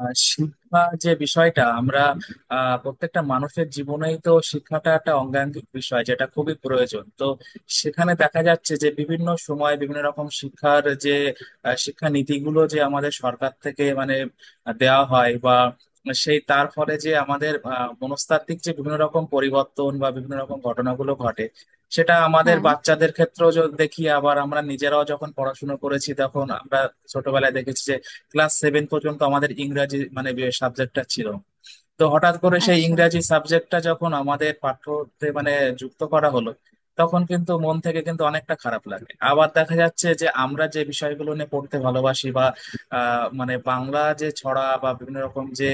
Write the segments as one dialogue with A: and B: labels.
A: শিক্ষা যে বিষয়টা আমরা প্রত্যেকটা মানুষের জীবনেই তো শিক্ষাটা একটা অঙ্গাঙ্গিক বিষয় যেটা খুবই প্রয়োজন। তো সেখানে দেখা যাচ্ছে যে বিভিন্ন সময় বিভিন্ন রকম শিক্ষার যে শিক্ষা নীতিগুলো যে আমাদের সরকার থেকে মানে দেওয়া হয় বা সেই তার ফলে যে আমাদের মনস্তাত্ত্বিক যে বিভিন্ন রকম পরিবর্তন বা বিভিন্ন রকম ঘটনাগুলো ঘটে সেটা আমাদের
B: হ্যাঁ।
A: বাচ্চাদের ক্ষেত্রেও যদি দেখি। আবার আমরা নিজেরাও যখন পড়াশুনো করেছি তখন আমরা ছোটবেলায় দেখেছি ক্লাস 7 পর্যন্ত আমাদের ইংরাজি মানে যে সাবজেক্টটা ছিল। তো হঠাৎ করে সেই
B: আচ্ছা।
A: ইংরাজি সাবজেক্টটা যখন আমাদের পাঠ্যতে মানে যুক্ত করা হলো তখন কিন্তু মন থেকে কিন্তু অনেকটা খারাপ লাগে। আবার দেখা যাচ্ছে যে আমরা যে বিষয়গুলো নিয়ে পড়তে ভালোবাসি বা মানে বাংলা যে ছড়া বা বিভিন্ন রকম যে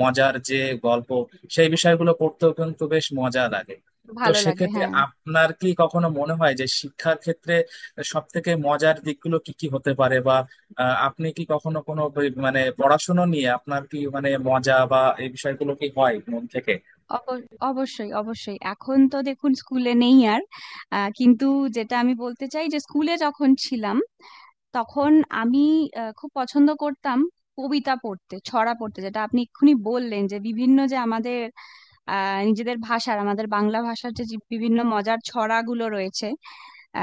A: মজার যে গল্প, সেই বিষয়গুলো পড়তেও কিন্তু বেশ মজা লাগে। তো
B: ভালো লাগে,
A: সেক্ষেত্রে
B: হ্যাঁ।
A: আপনার কি কখনো মনে হয় যে শিক্ষার ক্ষেত্রে সব থেকে মজার দিকগুলো কি কি হতে পারে? আপনি কি কখনো কোনো মানে পড়াশোনা নিয়ে আপনার কি মানে মজা বা এই বিষয়গুলো কি হয় মন থেকে?
B: অব- অবশ্যই অবশ্যই। এখন তো দেখুন স্কুলে নেই আর। কিন্তু যেটা আমি বলতে চাই যে স্কুলে যখন ছিলাম, তখন আমি খুব পছন্দ করতাম কবিতা পড়তে, ছড়া পড়তে, যেটা আপনি এক্ষুনি বললেন, যে বিভিন্ন যে আমাদের নিজেদের ভাষার, আমাদের বাংলা ভাষার যে যে বিভিন্ন মজার ছড়াগুলো রয়েছে।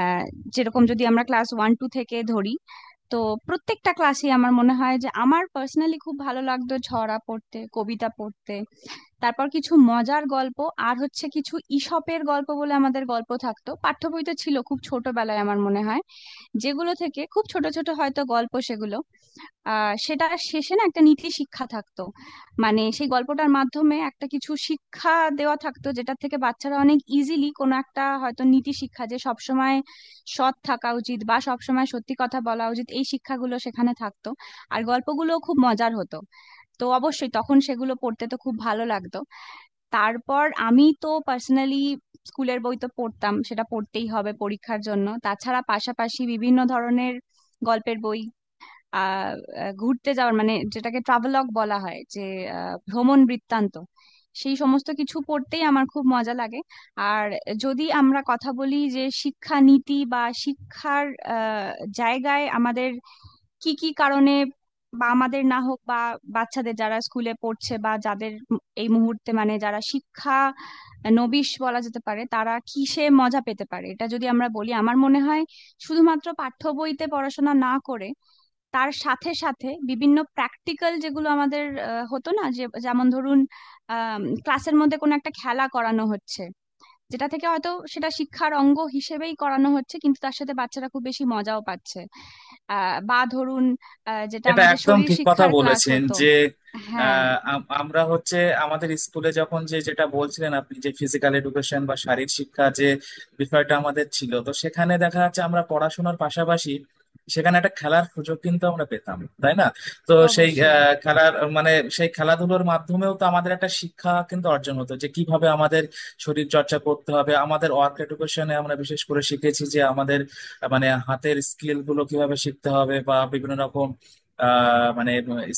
B: আহ, যেরকম যদি আমরা ক্লাস 1 2 থেকে ধরি, তো প্রত্যেকটা ক্লাসে আমার মনে হয় যে আমার পার্সোনালি খুব ভালো লাগতো ছড়া পড়তে, কবিতা পড়তে। তারপর কিছু মজার গল্প, আর হচ্ছে কিছু ইসপের গল্প বলে আমাদের গল্প থাকতো, পাঠ্য বইতে ছিল খুব ছোটবেলায় আমার মনে হয়, যেগুলো থেকে খুব ছোট ছোট হয়তো গল্প, সেগুলো সেটা শেষে না একটা নীতি শিক্ষা থাকতো। মানে সেই গল্পটার মাধ্যমে একটা কিছু শিক্ষা দেওয়া থাকতো, যেটা থেকে বাচ্চারা অনেক ইজিলি কোনো একটা হয়তো নীতি শিক্ষা, যে সবসময় সৎ থাকা উচিত বা সবসময় সত্যি কথা বলা উচিত, এই শিক্ষাগুলো সেখানে থাকতো। আর গল্পগুলো খুব মজার হতো, তো অবশ্যই তখন সেগুলো পড়তে তো খুব ভালো লাগতো। তারপর আমি তো পার্সোনালি স্কুলের বই তো পড়তাম, সেটা পড়তেই হবে পরীক্ষার জন্য, তাছাড়া পাশাপাশি বিভিন্ন ধরনের গল্পের বই, আহ আহ, ঘুরতে যাওয়ার, মানে যেটাকে ট্রাভেলগ বলা হয়, যে ভ্রমণ বৃত্তান্ত, সেই সমস্ত কিছু পড়তেই আমার খুব মজা লাগে। আর যদি আমরা কথা বলি যে শিক্ষা নীতি বা শিক্ষার আহ, জায়গায় আমাদের কি কি কারণে, বা আমাদের না হোক, বা বাচ্চাদের যারা স্কুলে পড়ছে বা যাদের এই মুহূর্তে, মানে যারা শিক্ষা নবিশ বলা যেতে পারে, তারা কিসে মজা পেতে পারে, এটা যদি আমরা বলি, আমার মনে হয় শুধুমাত্র পাঠ্য বইতে পড়াশোনা না করে তার সাথে সাথে বিভিন্ন প্র্যাকটিক্যাল, যেগুলো আমাদের হতো না। যে যেমন ধরুন, ক্লাসের মধ্যে কোনো একটা খেলা করানো হচ্ছে, যেটা থেকে হয়তো সেটা শিক্ষার অঙ্গ হিসেবেই করানো হচ্ছে, কিন্তু তার সাথে বাচ্চারা খুব বেশি মজাও পাচ্ছে। বা ধরুন, যেটা
A: এটা
B: আমাদের
A: একদম
B: শরীর
A: ঠিক কথা
B: শিক্ষার ক্লাস
A: বলেছেন
B: হতো।
A: যে
B: হ্যাঁ।
A: আমরা হচ্ছে আমাদের স্কুলে যখন যে যেটা বলছিলেন আপনি যে ফিজিক্যাল এডুকেশন বা শারীরিক শিক্ষা যে বিষয়টা আমাদের ছিল, তো সেখানে দেখা যাচ্ছে আমরা পড়াশোনার পাশাপাশি সেখানে একটা খেলার সুযোগ কিন্তু আমরা পেতাম, তাই না? তো সেই
B: অবশ্যই।
A: খেলার মানে সেই খেলাধুলোর মাধ্যমেও তো আমাদের একটা শিক্ষা কিন্তু অর্জন হতো যে কিভাবে আমাদের শরীর চর্চা করতে হবে। আমাদের ওয়ার্ক এডুকেশনে আমরা বিশেষ করে শিখেছি যে আমাদের মানে হাতের স্কিল গুলো কিভাবে শিখতে হবে বা বিভিন্ন রকম মানে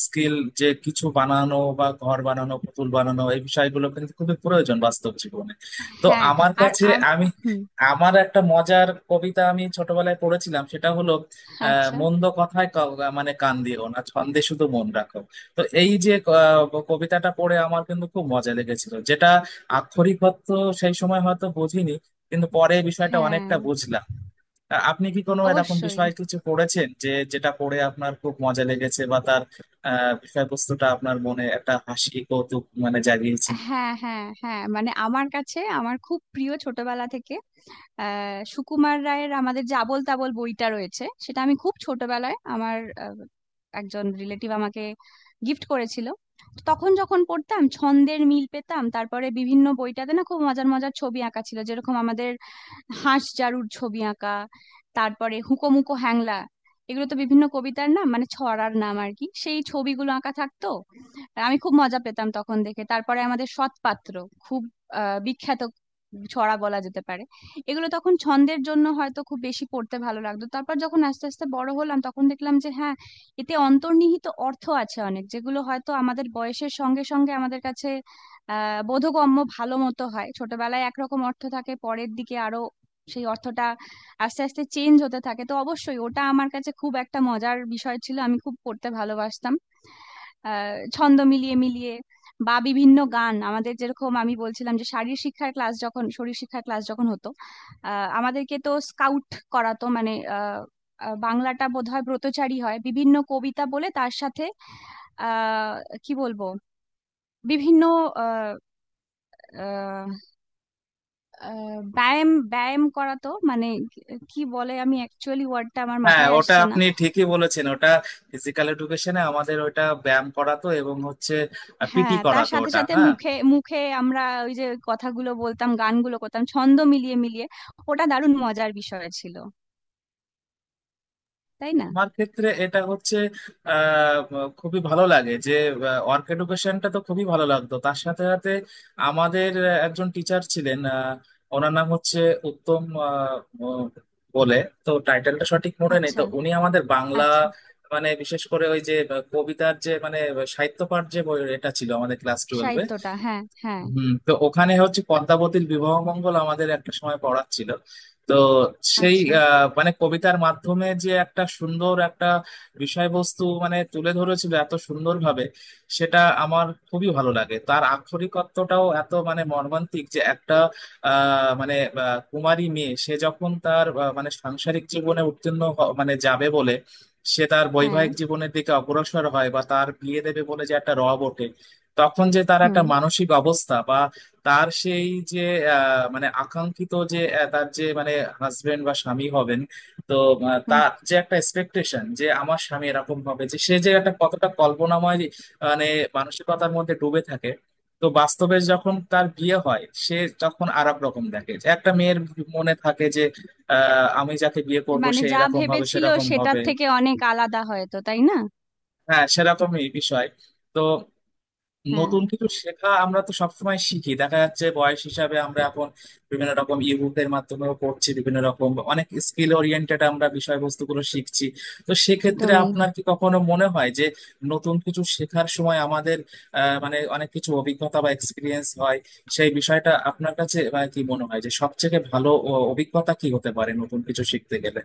A: স্কিল, যে কিছু বানানো বা ঘর বানানো, পুতুল বানানো, এই বিষয়গুলো কিন্তু খুবই প্রয়োজন বাস্তব জীবনে। তো
B: হ্যাঁ।
A: আমার
B: আর
A: কাছে আমি
B: হুম।
A: আমার একটা মজার কবিতা আমি ছোটবেলায় পড়েছিলাম সেটা হলো
B: আচ্ছা।
A: মন্দ কথায় মানে কান দিও না, ছন্দে শুধু মন রাখো। তো এই যে কবিতাটা পড়ে আমার কিন্তু খুব মজা লেগেছিল, যেটা আক্ষরিক অর্থ সেই সময় হয়তো বুঝিনি, কিন্তু পরে এই বিষয়টা
B: হ্যাঁ।
A: অনেকটা বুঝলাম। আপনি কি কোনো এরকম
B: অবশ্যই।
A: বিষয়ে কিছু পড়েছেন যে যেটা পড়ে আপনার খুব মজা লেগেছে, বা তার বিষয়বস্তুটা আপনার মনে একটা হাসি কৌতুক মানে জাগিয়েছে?
B: হ্যাঁ, হ্যাঁ, হ্যাঁ, মানে আমার কাছে আমার খুব প্রিয় ছোটবেলা থেকে সুকুমার রায়ের আমাদের যে আবোল তাবোল বইটা রয়েছে, সেটা আমি খুব ছোটবেলায় আমার আহ, একজন রিলেটিভ আমাকে গিফট করেছিল। তো তখন যখন পড়তাম, ছন্দের মিল পেতাম, তারপরে বিভিন্ন বইটাতে না খুব মজার মজার ছবি আঁকা ছিল। যেরকম আমাদের হাঁস জারুর ছবি আঁকা, তারপরে হুকোমুকো হ্যাংলা, এগুলো তো বিভিন্ন কবিতার নাম, মানে ছড়ার নাম আর কি, সেই ছবিগুলো আঁকা থাকতো। আমি খুব মজা পেতাম তখন দেখে। তারপরে আমাদের সৎপাত্র, খুব বিখ্যাত ছড়া বলা যেতে পারে। এগুলো তখন ছন্দের জন্য হয়তো খুব বেশি পড়তে ভালো লাগতো। তারপর যখন আস্তে আস্তে বড় হলাম, তখন দেখলাম যে হ্যাঁ, এতে অন্তর্নিহিত অর্থ আছে অনেক, যেগুলো হয়তো আমাদের বয়সের সঙ্গে সঙ্গে আমাদের কাছে বোধগম্য ভালো মতো হয়। ছোটবেলায় একরকম অর্থ থাকে, পরের দিকে আরো সেই অর্থটা আস্তে আস্তে চেঞ্জ হতে থাকে। তো অবশ্যই ওটা আমার কাছে খুব একটা মজার বিষয় ছিল, আমি খুব পড়তে ভালোবাসতাম ছন্দ মিলিয়ে মিলিয়ে। বা বিভিন্ন গান আমাদের, যেরকম আমি বলছিলাম যে শারীর শিক্ষার ক্লাস যখন শরীর শিক্ষার ক্লাস যখন হতো, আমাদেরকে তো স্কাউট করাতো, মানে আহ আহ, বাংলাটা বোধহয় ব্রতচারী হয়, বিভিন্ন কবিতা বলে তার সাথে। আহ কি বলবো, বিভিন্ন আহ, আহ, আহ, ব্যায়াম ব্যায়াম করাতো, মানে কি বলে, আমি অ্যাকচুয়ালি ওয়ার্ডটা আমার
A: হ্যাঁ,
B: মাথায়
A: ওটা
B: আসছে না।
A: আপনি ঠিকই বলেছেন। ওটা ফিজিক্যাল এডুকেশনে আমাদের ওটা ব্যায়াম করাতো এবং হচ্ছে পিটি
B: হ্যাঁ, তার
A: করাতো
B: সাথে
A: ওটা,
B: সাথে
A: হ্যাঁ।
B: মুখে মুখে আমরা ওই যে কথাগুলো বলতাম, গানগুলো করতাম ছন্দ মিলিয়ে মিলিয়ে। ওটা দারুণ মজার বিষয় ছিল, তাই না?
A: আমার ক্ষেত্রে এটা হচ্ছে আহ খুবই ভালো লাগে যে ওয়ার্ক এডুকেশনটা তো খুবই ভালো লাগতো। তার সাথে সাথে আমাদের একজন টিচার ছিলেন, ওনার নাম হচ্ছে উত্তম আহ, ম- বলে, তো টাইটেলটা সঠিক মনে নেই। তো
B: আচ্ছা।
A: উনি আমাদের বাংলা
B: আচ্ছা।
A: মানে বিশেষ করে ওই যে কবিতার যে মানে সাহিত্য পাঠ যে এটা ছিল আমাদের ক্লাস 12।
B: সাহিত্যটা, হ্যাঁ, হ্যাঁ।
A: তো ওখানে হচ্ছে পদ্মাবতীর বিবাহ মঙ্গল আমাদের একটা সময় পড়াচ্ছিল। তো সেই
B: আচ্ছা।
A: মানে কবিতার মাধ্যমে যে একটা সুন্দর একটা বিষয়বস্তু মানে তুলে ধরেছিল এত সুন্দরভাবে, সেটা আমার খুবই ভালো লাগে। তার আক্ষরিক অর্থটাও এত মানে মর্মান্তিক, যে একটা মানে কুমারী মেয়ে সে যখন তার মানে সাংসারিক জীবনে মানে যাবে বলে সে তার
B: হ্যাঁ।
A: বৈবাহিক জীবনের দিকে অগ্রসর হয় বা তার বিয়ে দেবে বলে যে একটা রব ওঠে, তখন যে তার একটা
B: হুম।
A: মানসিক অবস্থা বা তার সেই যে মানে আকাঙ্ক্ষিত যে তার যে মানে হাজবেন্ড বা স্বামী হবেন। তো
B: হুম।
A: তার যে একটা এক্সপেকটেশন যে আমার স্বামী এরকম হবে, যে সে যে একটা কতটা কল্পনাময় মানে মানসিকতার মধ্যে ডুবে থাকে। তো বাস্তবে যখন তার বিয়ে হয় সে তখন আর এক রকম দেখে, যে একটা মেয়ের মনে থাকে যে আমি যাকে বিয়ে করব
B: মানে
A: সে
B: যা
A: এরকম হবে
B: ভেবেছিল
A: সেরকম
B: সেটার
A: হবে।
B: থেকে অনেক আলাদা, হয়তো তাই না?
A: হ্যাঁ, সেরকমই বিষয়। তো নতুন
B: হ্যাঁ।
A: কিছু শেখা আমরা তো সবসময় শিখি, দেখা যাচ্ছে বয়স হিসাবে আমরা এখন বিভিন্ন রকম ইবুকের মাধ্যমেও পড়ছি, বিভিন্ন রকম অনেক স্কিল ওরিয়েন্টেড আমরা বিষয়বস্তুগুলো শিখছি। তো সেক্ষেত্রে
B: একদমই।
A: আপনার কি কখনো মনে হয় যে নতুন কিছু শেখার সময় আমাদের মানে অনেক কিছু অভিজ্ঞতা বা এক্সপিরিয়েন্স হয়? সেই বিষয়টা আপনার কাছে কি মনে হয় যে সবথেকে ভালো অভিজ্ঞতা কি হতে পারে নতুন কিছু শিখতে গেলে?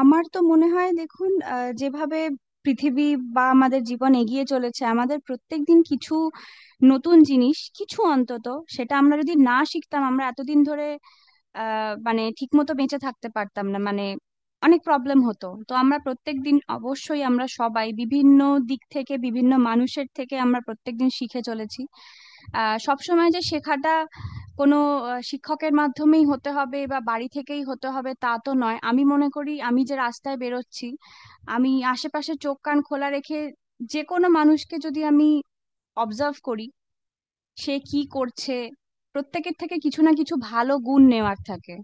B: আমার তো মনে হয় দেখুন, যেভাবে পৃথিবী বা আমাদের জীবন এগিয়ে চলেছে, আমাদের প্রত্যেক দিন কিছু নতুন জিনিস কিছু অন্তত, সেটা আমরা যদি না শিখতাম, আমরা এতদিন ধরে মানে ঠিকমতো বেঁচে থাকতে পারতাম না, মানে অনেক প্রবলেম হতো। তো আমরা প্রত্যেক দিন অবশ্যই, আমরা সবাই বিভিন্ন দিক থেকে বিভিন্ন মানুষের থেকে আমরা প্রত্যেকদিন শিখে চলেছি। সবসময় যে শেখাটা কোনো শিক্ষকের মাধ্যমেই হতে হবে বা বাড়ি থেকেই হতে হবে, তা তো নয়। আমি মনে করি আমি যে রাস্তায় বেরোচ্ছি, আমি আশেপাশে চোখ কান খোলা রেখে যে কোনো মানুষকে যদি আমি অবজার্ভ করি, সে কি করছে, প্রত্যেকের থেকে কিছু না কিছু ভালো গুণ নেওয়ার থাকে।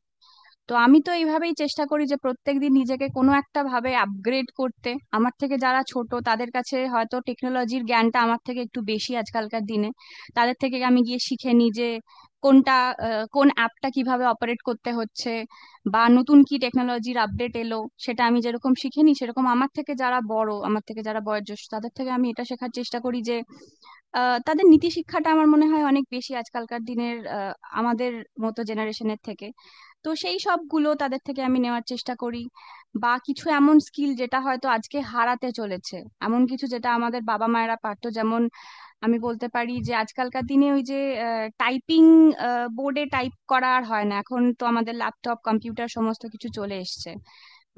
B: তো আমি তো এইভাবেই চেষ্টা করি যে প্রত্যেকদিন নিজেকে কোনো একটা ভাবে আপগ্রেড করতে। আমার থেকে যারা ছোট, তাদের কাছে হয়তো টেকনোলজির জ্ঞানটা আমার থেকে একটু বেশি আজকালকার দিনে, তাদের থেকে আমি গিয়ে শিখে নিই যে কোনটা, কোন অ্যাপটা কিভাবে অপারেট করতে হচ্ছে, বা নতুন কি টেকনোলজির আপডেট এলো। সেটা আমি যেরকম শিখে নিই, সেরকম আমার থেকে যারা বড়, আমার থেকে যারা বয়োজ্যেষ্ঠ, তাদের থেকে আমি এটা শেখার চেষ্টা করি যে তাদের নীতি শিক্ষাটা আমার মনে হয় অনেক বেশি আজকালকার দিনের আমাদের মতো জেনারেশনের থেকে। তো সেই সবগুলো তাদের থেকে আমি নেওয়ার চেষ্টা করি, বা কিছু এমন স্কিল যেটা হয়তো আজকে হারাতে চলেছে, এমন কিছু যেটা আমাদের বাবা মায়েরা পারতো। যেমন আমি বলতে পারি, যে আজকালকার দিনে ওই যে টাইপিং, বোর্ডে টাইপ করা আর হয় না, এখন তো আমাদের ল্যাপটপ কম্পিউটার সমস্ত কিছু চলে এসছে।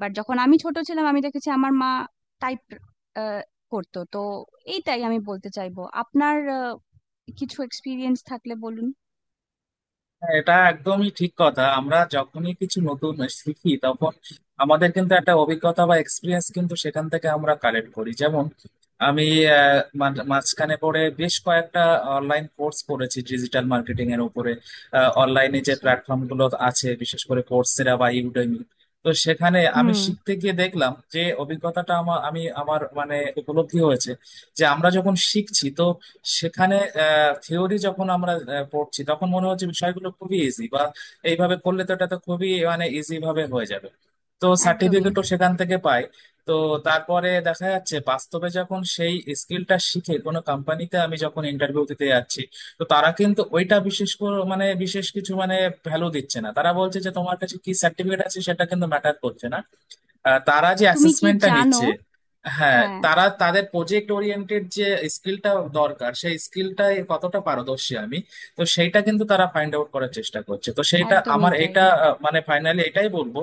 B: বাট যখন আমি ছোট ছিলাম, আমি দেখেছি আমার মা টাইপ করতো। তো এইটাই আমি বলতে চাইবো, আপনার কিছু এক্সপিরিয়েন্স থাকলে বলুন।
A: হ্যাঁ, এটা একদমই ঠিক কথা। আমরা যখনই কিছু নতুন শিখি তখন আমাদের কিন্তু একটা অভিজ্ঞতা বা এক্সপিরিয়েন্স কিন্তু সেখান থেকে আমরা কালেক্ট করি, যেমন আমি মাঝখানে পড়ে বেশ কয়েকটা অনলাইন কোর্স করেছি ডিজিটাল মার্কেটিং এর উপরে। অনলাইনে যে
B: আচ্ছা।
A: প্ল্যাটফর্ম গুলো আছে, বিশেষ করে কোর্সেরা বা ইউডেমি। তো সেখানে আমি
B: হুম।
A: শিখতে গিয়ে দেখলাম যে অভিজ্ঞতাটা আমার আমি আমার মানে উপলব্ধি হয়েছে যে আমরা যখন শিখছি তো সেখানে থিওরি যখন আমরা পড়ছি তখন মনে হচ্ছে বিষয়গুলো খুবই ইজি, বা এইভাবে করলে তো এটা তো খুবই মানে ইজি ভাবে হয়ে যাবে। তো
B: একদমই।
A: সার্টিফিকেটও সেখান থেকে পাই। তো তারপরে দেখা যাচ্ছে বাস্তবে যখন সেই স্কিলটা শিখে কোনো কোম্পানিতে আমি যখন ইন্টারভিউ দিতে যাচ্ছি, তো তারা কিন্তু ওইটা বিশেষ করে মানে বিশেষ কিছু মানে ভ্যালু দিচ্ছে না। তারা বলছে যে তোমার কাছে কি সার্টিফিকেট আছে সেটা কিন্তু ম্যাটার করছে না। তারা যে
B: তুমি কি
A: অ্যাসেসমেন্টটা
B: জানো?
A: নিচ্ছে, হ্যাঁ
B: হ্যাঁ।
A: তারা তাদের প্রজেক্ট ওরিয়েন্টেড যে স্কিলটা দরকার সেই স্কিলটাই কতটা পারদর্শী আমি। তো সেইটা কিন্তু তারা ফাইন্ড আউট করার চেষ্টা করছে। তো সেইটা
B: একদমই
A: আমার
B: তাই।
A: এটা মানে ফাইনালি এটাই বলবো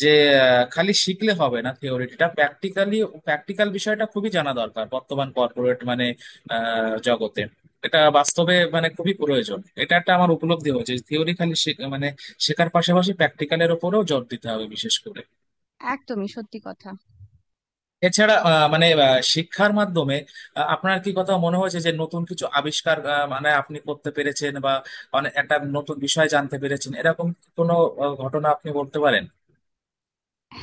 A: যে খালি শিখলে হবে না, থিওরিটা প্র্যাকটিক্যালি, প্র্যাকটিক্যাল বিষয়টা খুবই জানা দরকার বর্তমান কর্পোরেট মানে জগতে। এটা বাস্তবে মানে খুবই প্রয়োজন, এটা একটা আমার উপলব্ধি হয়েছে। থিওরি খালি মানে শেখার পাশাপাশি প্র্যাকটিক্যালের উপরেও জোর দিতে হবে বিশেষ করে।
B: একদমই সত্যি কথা।
A: এছাড়া মানে শিক্ষার মাধ্যমে আপনার কি কথা মনে হয়েছে যে নতুন কিছু আবিষ্কার মানে আপনি করতে পেরেছেন বা অনেক একটা নতুন বিষয় জানতে পেরেছেন এরকম কোনো ঘটনা আপনি বলতে পারেন?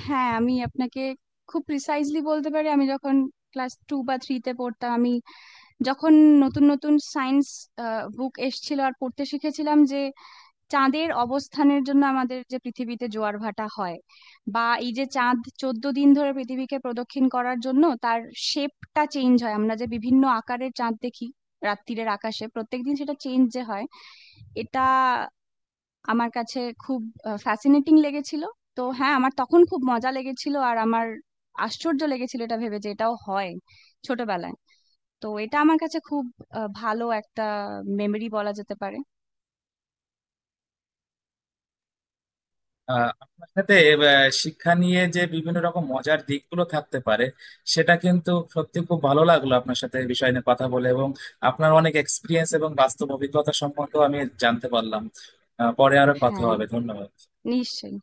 B: হ্যাঁ আমি আপনাকে খুব প্রিসাইজলি বলতে পারি, আমি যখন ক্লাস 2 বা 3-এ পড়তাম, আমি যখন নতুন নতুন সায়েন্স বুক এসেছিল আর পড়তে শিখেছিলাম, যে চাঁদের অবস্থানের জন্য আমাদের যে পৃথিবীতে জোয়ার ভাটা হয়, বা এই যে চাঁদ 14 দিন ধরে পৃথিবীকে প্রদক্ষিণ করার জন্য তার শেপটা চেঞ্জ হয়, আমরা যে বিভিন্ন আকারের চাঁদ দেখি রাত্তিরের আকাশে, প্রত্যেকদিন সেটা চেঞ্জ যে হয়, এটা আমার কাছে খুব ফ্যাসিনেটিং লেগেছিল। তো হ্যাঁ, আমার তখন খুব মজা লেগেছিল আর আমার আশ্চর্য লেগেছিল এটা ভেবে যে এটাও হয় ছোটবেলায়। তো এটা আমার কাছে খুব ভালো একটা মেমরি বলা যেতে পারে।
A: আপনার সাথে আহ, শিক্ষা নিয়ে যে বিভিন্ন রকম মজার দিকগুলো থাকতে পারে সেটা কিন্তু সত্যি খুব ভালো লাগলো আপনার সাথে এই বিষয় নিয়ে কথা বলে, এবং আপনার অনেক এক্সপিরিয়েন্স এবং বাস্তব অভিজ্ঞতা সম্পর্কেও আমি জানতে পারলাম। পরে আরো কথা
B: হ্যাঁ,
A: হবে, ধন্যবাদ।
B: নিশ্চয়ই।